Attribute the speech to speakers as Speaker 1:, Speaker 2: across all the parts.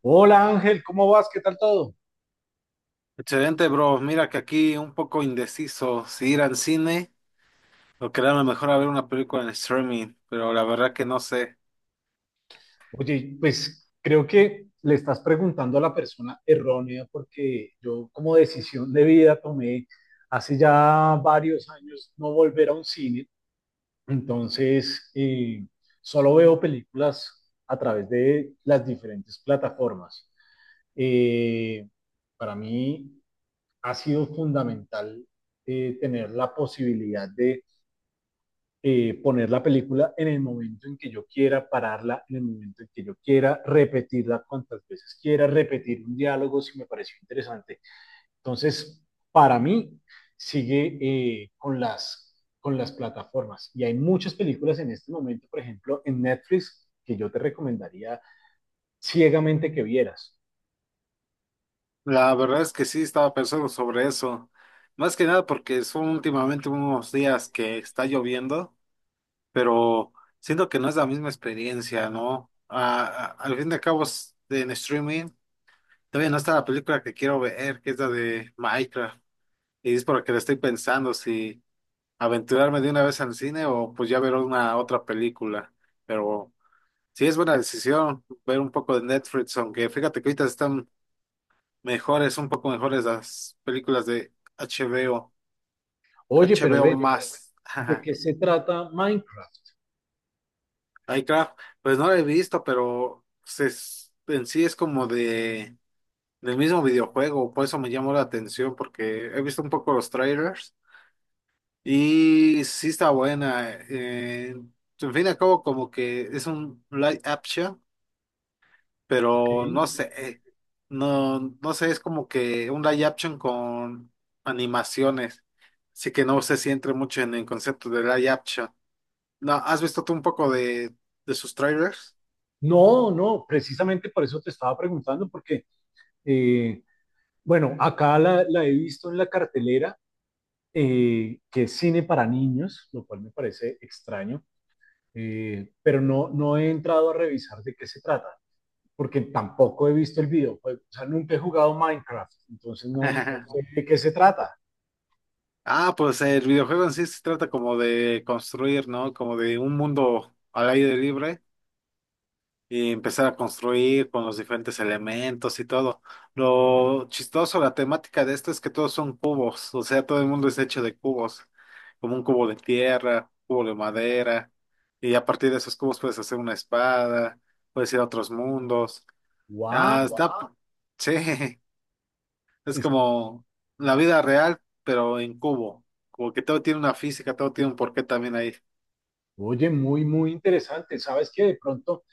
Speaker 1: Hola Ángel, ¿cómo vas? ¿Qué tal todo?
Speaker 2: Excelente, bro. Mira que aquí un poco indeciso si ir al cine o quedarme mejor a ver una película en streaming, pero la verdad que no sé.
Speaker 1: Oye, pues creo que le estás preguntando a la persona errónea porque yo, como decisión de vida, tomé hace ya varios años no volver a un cine, entonces solo veo películas a través de las diferentes plataformas. Eh, para mí ha sido fundamental tener la posibilidad de poner la película en el momento en que yo quiera, pararla en el momento en que yo quiera, repetirla cuantas veces quiera, repetir un diálogo si me pareció interesante. Entonces, para mí, sigue con las plataformas. Y hay muchas películas en este momento, por ejemplo, en Netflix, que yo te recomendaría ciegamente que vieras.
Speaker 2: La verdad es que sí estaba pensando sobre eso. Más que nada porque son últimamente unos días que está lloviendo, pero siento que no es la misma experiencia, ¿no? Al fin de cabo, en streaming todavía no está la película que quiero ver, que es la de Minecraft. Y es por lo que le estoy pensando si aventurarme de una vez al cine o pues ya ver una otra película. Pero sí es buena decisión ver un poco de Netflix, aunque fíjate que ahorita están mejores, un poco mejores las películas de HBO,
Speaker 1: Oye, pero
Speaker 2: HBO.
Speaker 1: ve,
Speaker 2: Oye, más.
Speaker 1: ¿de
Speaker 2: Jaja.
Speaker 1: qué se trata Minecraft?
Speaker 2: iCraft, pues no la he visto, pero en sí es como de del mismo videojuego, por eso me llamó la atención, porque he visto un poco los trailers y sí está buena. En fin y al cabo, como que es un live action, pero
Speaker 1: Okay.
Speaker 2: no sé, no sé, es como que un live action con animaciones, así que no sé si entre mucho en el concepto de live action. No, ¿has visto tú un poco de sus trailers?
Speaker 1: No, no, precisamente por eso te estaba preguntando, porque eh, Bueno, acá la he visto en la cartelera, que es cine para niños, lo cual me parece extraño, pero no he entrado a revisar de qué se trata, porque tampoco he visto el videojuego, o sea, nunca he jugado Minecraft, entonces no sé de qué se trata.
Speaker 2: Ah, pues el videojuego en sí se trata como de construir, ¿no? Como de un mundo al aire libre, y empezar a construir con los diferentes elementos y todo. Lo chistoso, la temática de esto es que todos son cubos, o sea, todo el mundo es hecho de cubos, como un cubo de tierra, cubo de madera, y a partir de esos cubos puedes hacer una espada, puedes ir a otros mundos.
Speaker 1: ¡Wow!
Speaker 2: Ah, está, Wow. Sí, es como la vida real, pero en cubo, como que todo tiene una física, todo tiene un porqué también ahí.
Speaker 1: Oye, muy, muy interesante. Sabes que de pronto,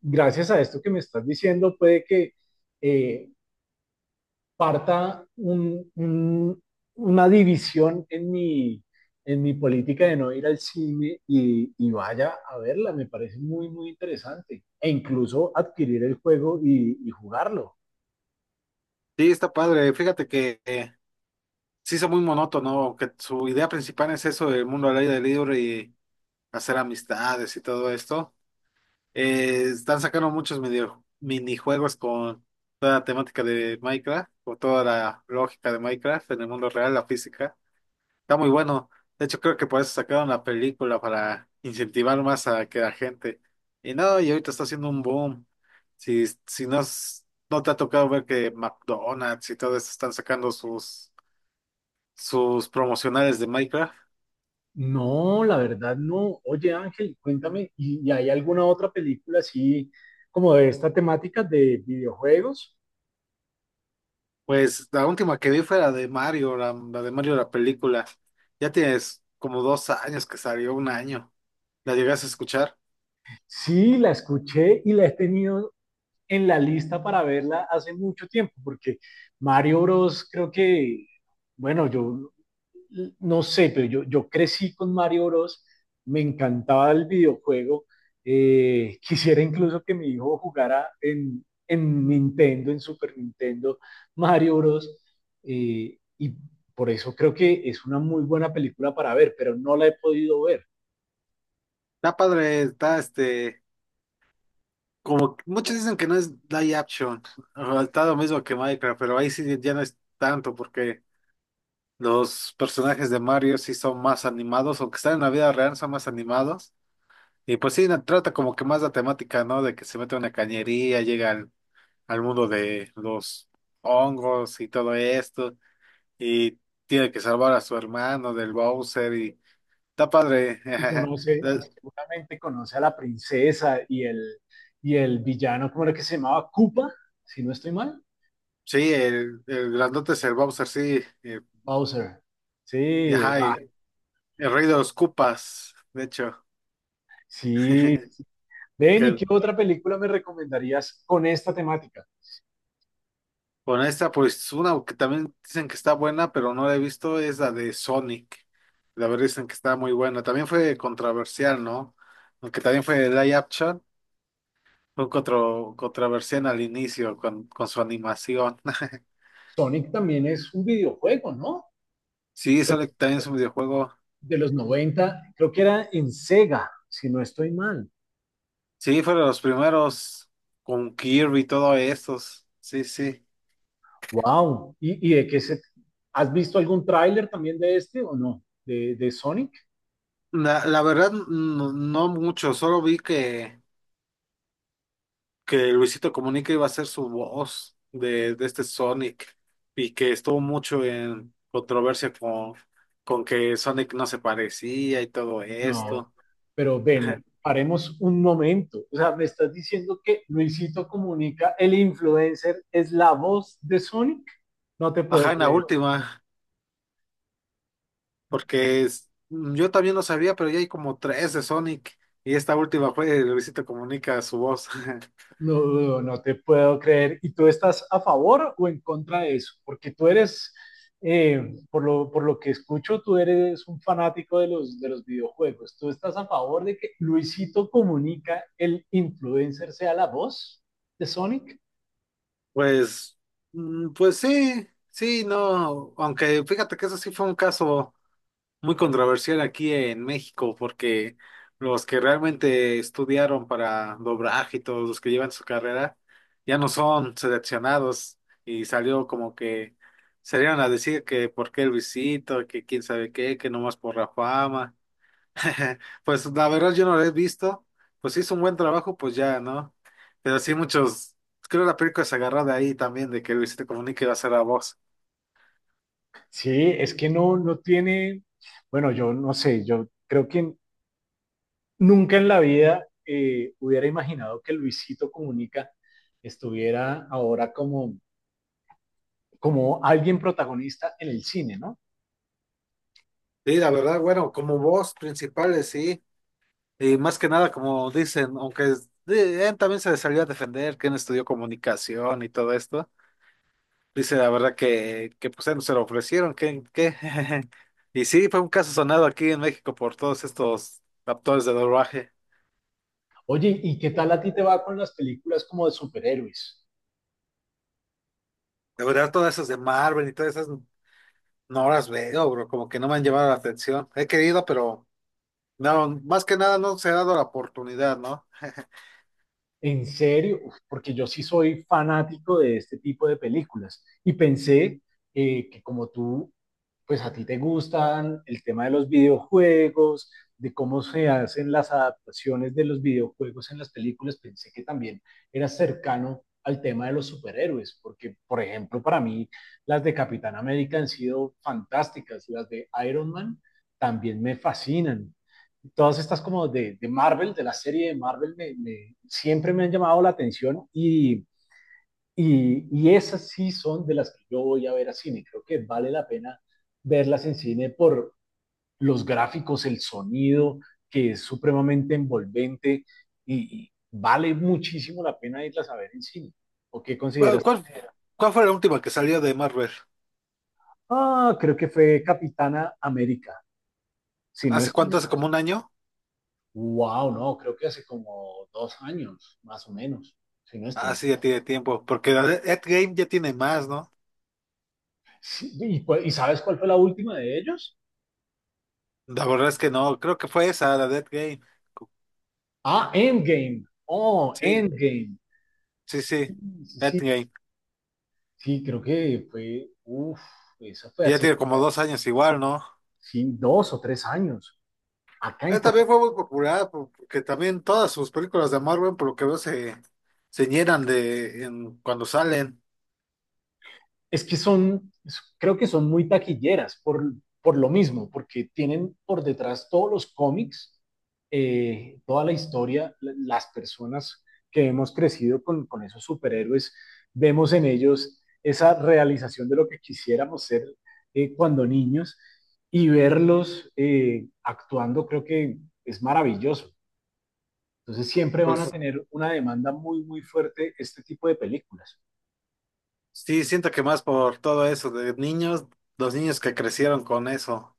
Speaker 1: gracias a esto que me estás diciendo, puede que eh, parta una división en en mi política de no ir al cine y vaya a verla. Me parece muy, muy interesante. E incluso adquirir el juego y jugarlo.
Speaker 2: Sí, está padre, fíjate que se hizo muy monótono, que su idea principal es eso del mundo al aire libre y hacer amistades y todo esto. Están sacando muchos minijuegos con toda la temática de Minecraft, o toda la lógica de Minecraft en el mundo real, la física. Está muy bueno. De hecho, creo que por eso sacaron la película para incentivar más a que la gente. Y no, y ahorita está haciendo un boom. Si, si no, no te ha tocado ver que McDonald's y todo eso están sacando sus sus promocionales de Minecraft.
Speaker 1: No, la verdad no. Oye Ángel, cuéntame, y hay alguna otra película así como de esta temática de videojuegos?
Speaker 2: Pues la última que vi fue la de Mario, la de Mario la película. Ya tienes como dos años que salió, un año. La llegas a escuchar.
Speaker 1: Sí, la escuché y la he tenido en la lista para verla hace mucho tiempo, porque Mario Bros. Creo que, bueno, yo no sé, pero yo crecí con Mario Bros. Me encantaba el videojuego. Quisiera incluso que mi hijo jugara en Nintendo, en Super Nintendo, Mario Bros. Y por eso creo que es una muy buena película para ver, pero no la he podido ver.
Speaker 2: Está padre, está este, muchos dicen que no es live action, o está lo mismo que Minecraft, pero ahí sí ya no es tanto porque los personajes de Mario sí son más animados, aunque están en la vida real, son más animados. Y pues sí, trata como que más la temática, ¿no? De que se mete a una cañería, llegan al mundo de los hongos y todo esto, y tiene que salvar a su hermano del Bowser, y está padre.
Speaker 1: Y conoce, y
Speaker 2: La-
Speaker 1: seguramente conoce a la princesa y el villano. ¿Cómo era que se llamaba? Koopa, si no estoy mal.
Speaker 2: Sí, el grandote es el Bowser, sí,
Speaker 1: Bowser.
Speaker 2: y
Speaker 1: Sí,
Speaker 2: ajá,
Speaker 1: ah,
Speaker 2: y el rey de los Koopas, de hecho.
Speaker 1: sí. Ven, ¿y
Speaker 2: Que
Speaker 1: qué otra película me recomendarías con esta temática?
Speaker 2: con esta, pues una que también dicen que está buena, pero no la he visto, es la de Sonic. La verdad dicen que está muy buena. También fue controversial, ¿no? Aunque también fue live action. Fue controversial al inicio con su animación.
Speaker 1: Sonic también es un videojuego, ¿no?
Speaker 2: Sí,
Speaker 1: De,
Speaker 2: Sonic también es un videojuego.
Speaker 1: de los 90 creo que era, en Sega, si no estoy mal.
Speaker 2: Sí, fueron los primeros con Kirby y todo estos. Sí, sí.
Speaker 1: Wow. ¿Has visto algún tráiler también de este o no? De Sonic.
Speaker 2: La verdad, no, no mucho. Solo vi que Luisito Comunica iba a ser su voz de este Sonic y que estuvo mucho en controversia con que Sonic no se parecía y todo
Speaker 1: No,
Speaker 2: esto.
Speaker 1: pero ven, paremos un momento. O sea, me estás diciendo que Luisito Comunica, el influencer, es la voz de Sonic. No te puedo
Speaker 2: Ajá, en la
Speaker 1: creer.
Speaker 2: última. Mm, yo también lo sabía, pero ya hay como tres de Sonic. Y esta última fue de Luisito Comunica, su voz.
Speaker 1: No, no, no te puedo creer. ¿Y tú estás a favor o en contra de eso? Porque tú eres, eh, por por lo que escucho, tú eres un fanático de de los videojuegos. ¿Tú estás a favor de que Luisito Comunica, el influencer, sea la voz de Sonic?
Speaker 2: Pues, mm, pues sí, sí, no. Aunque fíjate que eso sí fue un caso muy controversial aquí en México, porque los que realmente estudiaron para doblaje y todos los que llevan su carrera ya no son seleccionados. Y salió como que salieron a decir que por qué Luisito, que quién sabe qué, que nomás por la fama. Pues la verdad yo no lo he visto. Pues si hizo un buen trabajo, pues ya, ¿no? Pero sí muchos, creo que la película se agarró de ahí también, de que Luisito Comunica iba a ser la voz.
Speaker 1: Sí, es que no, no tiene, bueno, yo no sé, yo creo que nunca en la vida hubiera imaginado que Luisito Comunica estuviera ahora como, como alguien protagonista en el cine, ¿no?
Speaker 2: Sí, la verdad, bueno, como voz principales, sí. Y más que nada, como dicen, aunque él también se salió a defender, que él estudió comunicación y todo esto. Dice la verdad que pues él no se lo ofrecieron, que, que. Y sí, fue un caso sonado aquí en México por todos estos actores de doblaje.
Speaker 1: Oye, ¿y qué tal a ti te va con las películas como de superhéroes?
Speaker 2: De verdad, todas esas de Marvel y todas esas. No las veo, bro, como que no me han llamado la atención. He querido, pero no, más que nada no se ha dado la oportunidad, ¿no?
Speaker 1: En serio, uf, porque yo sí soy fanático de este tipo de películas y pensé que como tú, pues a ti te gustan el tema de los videojuegos, de cómo se hacen las adaptaciones de los videojuegos en las películas, pensé que también eras cercano al tema de los superhéroes, porque por ejemplo para mí las de Capitán América han sido fantásticas, las de Iron Man también me fascinan, todas estas como de Marvel, de la serie de Marvel, siempre me han llamado la atención y esas sí son de las que yo voy a ver a cine. Creo que vale la pena verlas en cine por los gráficos, el sonido, que es supremamente envolvente y vale muchísimo la pena irlas a ver en cine. ¿O qué
Speaker 2: ¿Cuál,
Speaker 1: consideras?
Speaker 2: cuál, ¿cuál fue la última que salió de Marvel?
Speaker 1: Ah, creo que fue Capitana América. Si no
Speaker 2: ¿Hace
Speaker 1: estoy
Speaker 2: cuánto?
Speaker 1: mal.
Speaker 2: ¿Hace como un año?
Speaker 1: Wow, no, creo que hace como 2 años, más o menos, si no estoy
Speaker 2: Ah,
Speaker 1: mal.
Speaker 2: sí, ya tiene tiempo, porque la de Endgame ya tiene más, ¿no?
Speaker 1: Sí, ¿ Y sabes cuál fue la última de ellos?
Speaker 2: La verdad es que no, creo que fue esa, la de Endgame.
Speaker 1: Ah, Endgame. Oh,
Speaker 2: Sí,
Speaker 1: Endgame.
Speaker 2: sí, sí,
Speaker 1: Sí, sí, sí.
Speaker 2: Endgame.
Speaker 1: Sí, creo que fue, uff, eso fue
Speaker 2: Y ya
Speaker 1: hace,
Speaker 2: tiene como dos años igual, ¿no?
Speaker 1: sí, 2 o 3 años. Acá en
Speaker 2: Él también
Speaker 1: Colombia.
Speaker 2: fue muy popular, porque también todas sus películas de Marvel, por lo que veo, se llenan cuando salen.
Speaker 1: Es que son, creo que son muy taquilleras por lo mismo, porque tienen por detrás todos los cómics, toda la historia, las personas que hemos crecido con esos superhéroes, vemos en ellos esa realización de lo que quisiéramos ser cuando niños, y verlos actuando creo que es maravilloso. Entonces siempre van a
Speaker 2: Pues
Speaker 1: tener una demanda muy, muy fuerte este tipo de películas.
Speaker 2: sí, siento que más por todo eso de niños, los niños que crecieron con eso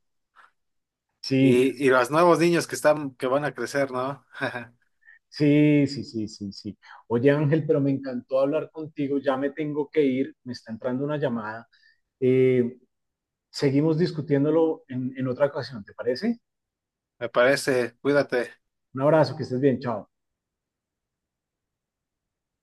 Speaker 1: Sí.
Speaker 2: y los nuevos niños que están, que van a crecer, ¿no?
Speaker 1: Sí, sí, sí, sí, sí. Oye, Ángel, pero me encantó hablar contigo. Ya me tengo que ir, me está entrando una llamada. Eh, Seguimos discutiéndolo en otra ocasión, ¿te parece?
Speaker 2: Me parece, cuídate.
Speaker 1: Un abrazo, que estés bien, chao.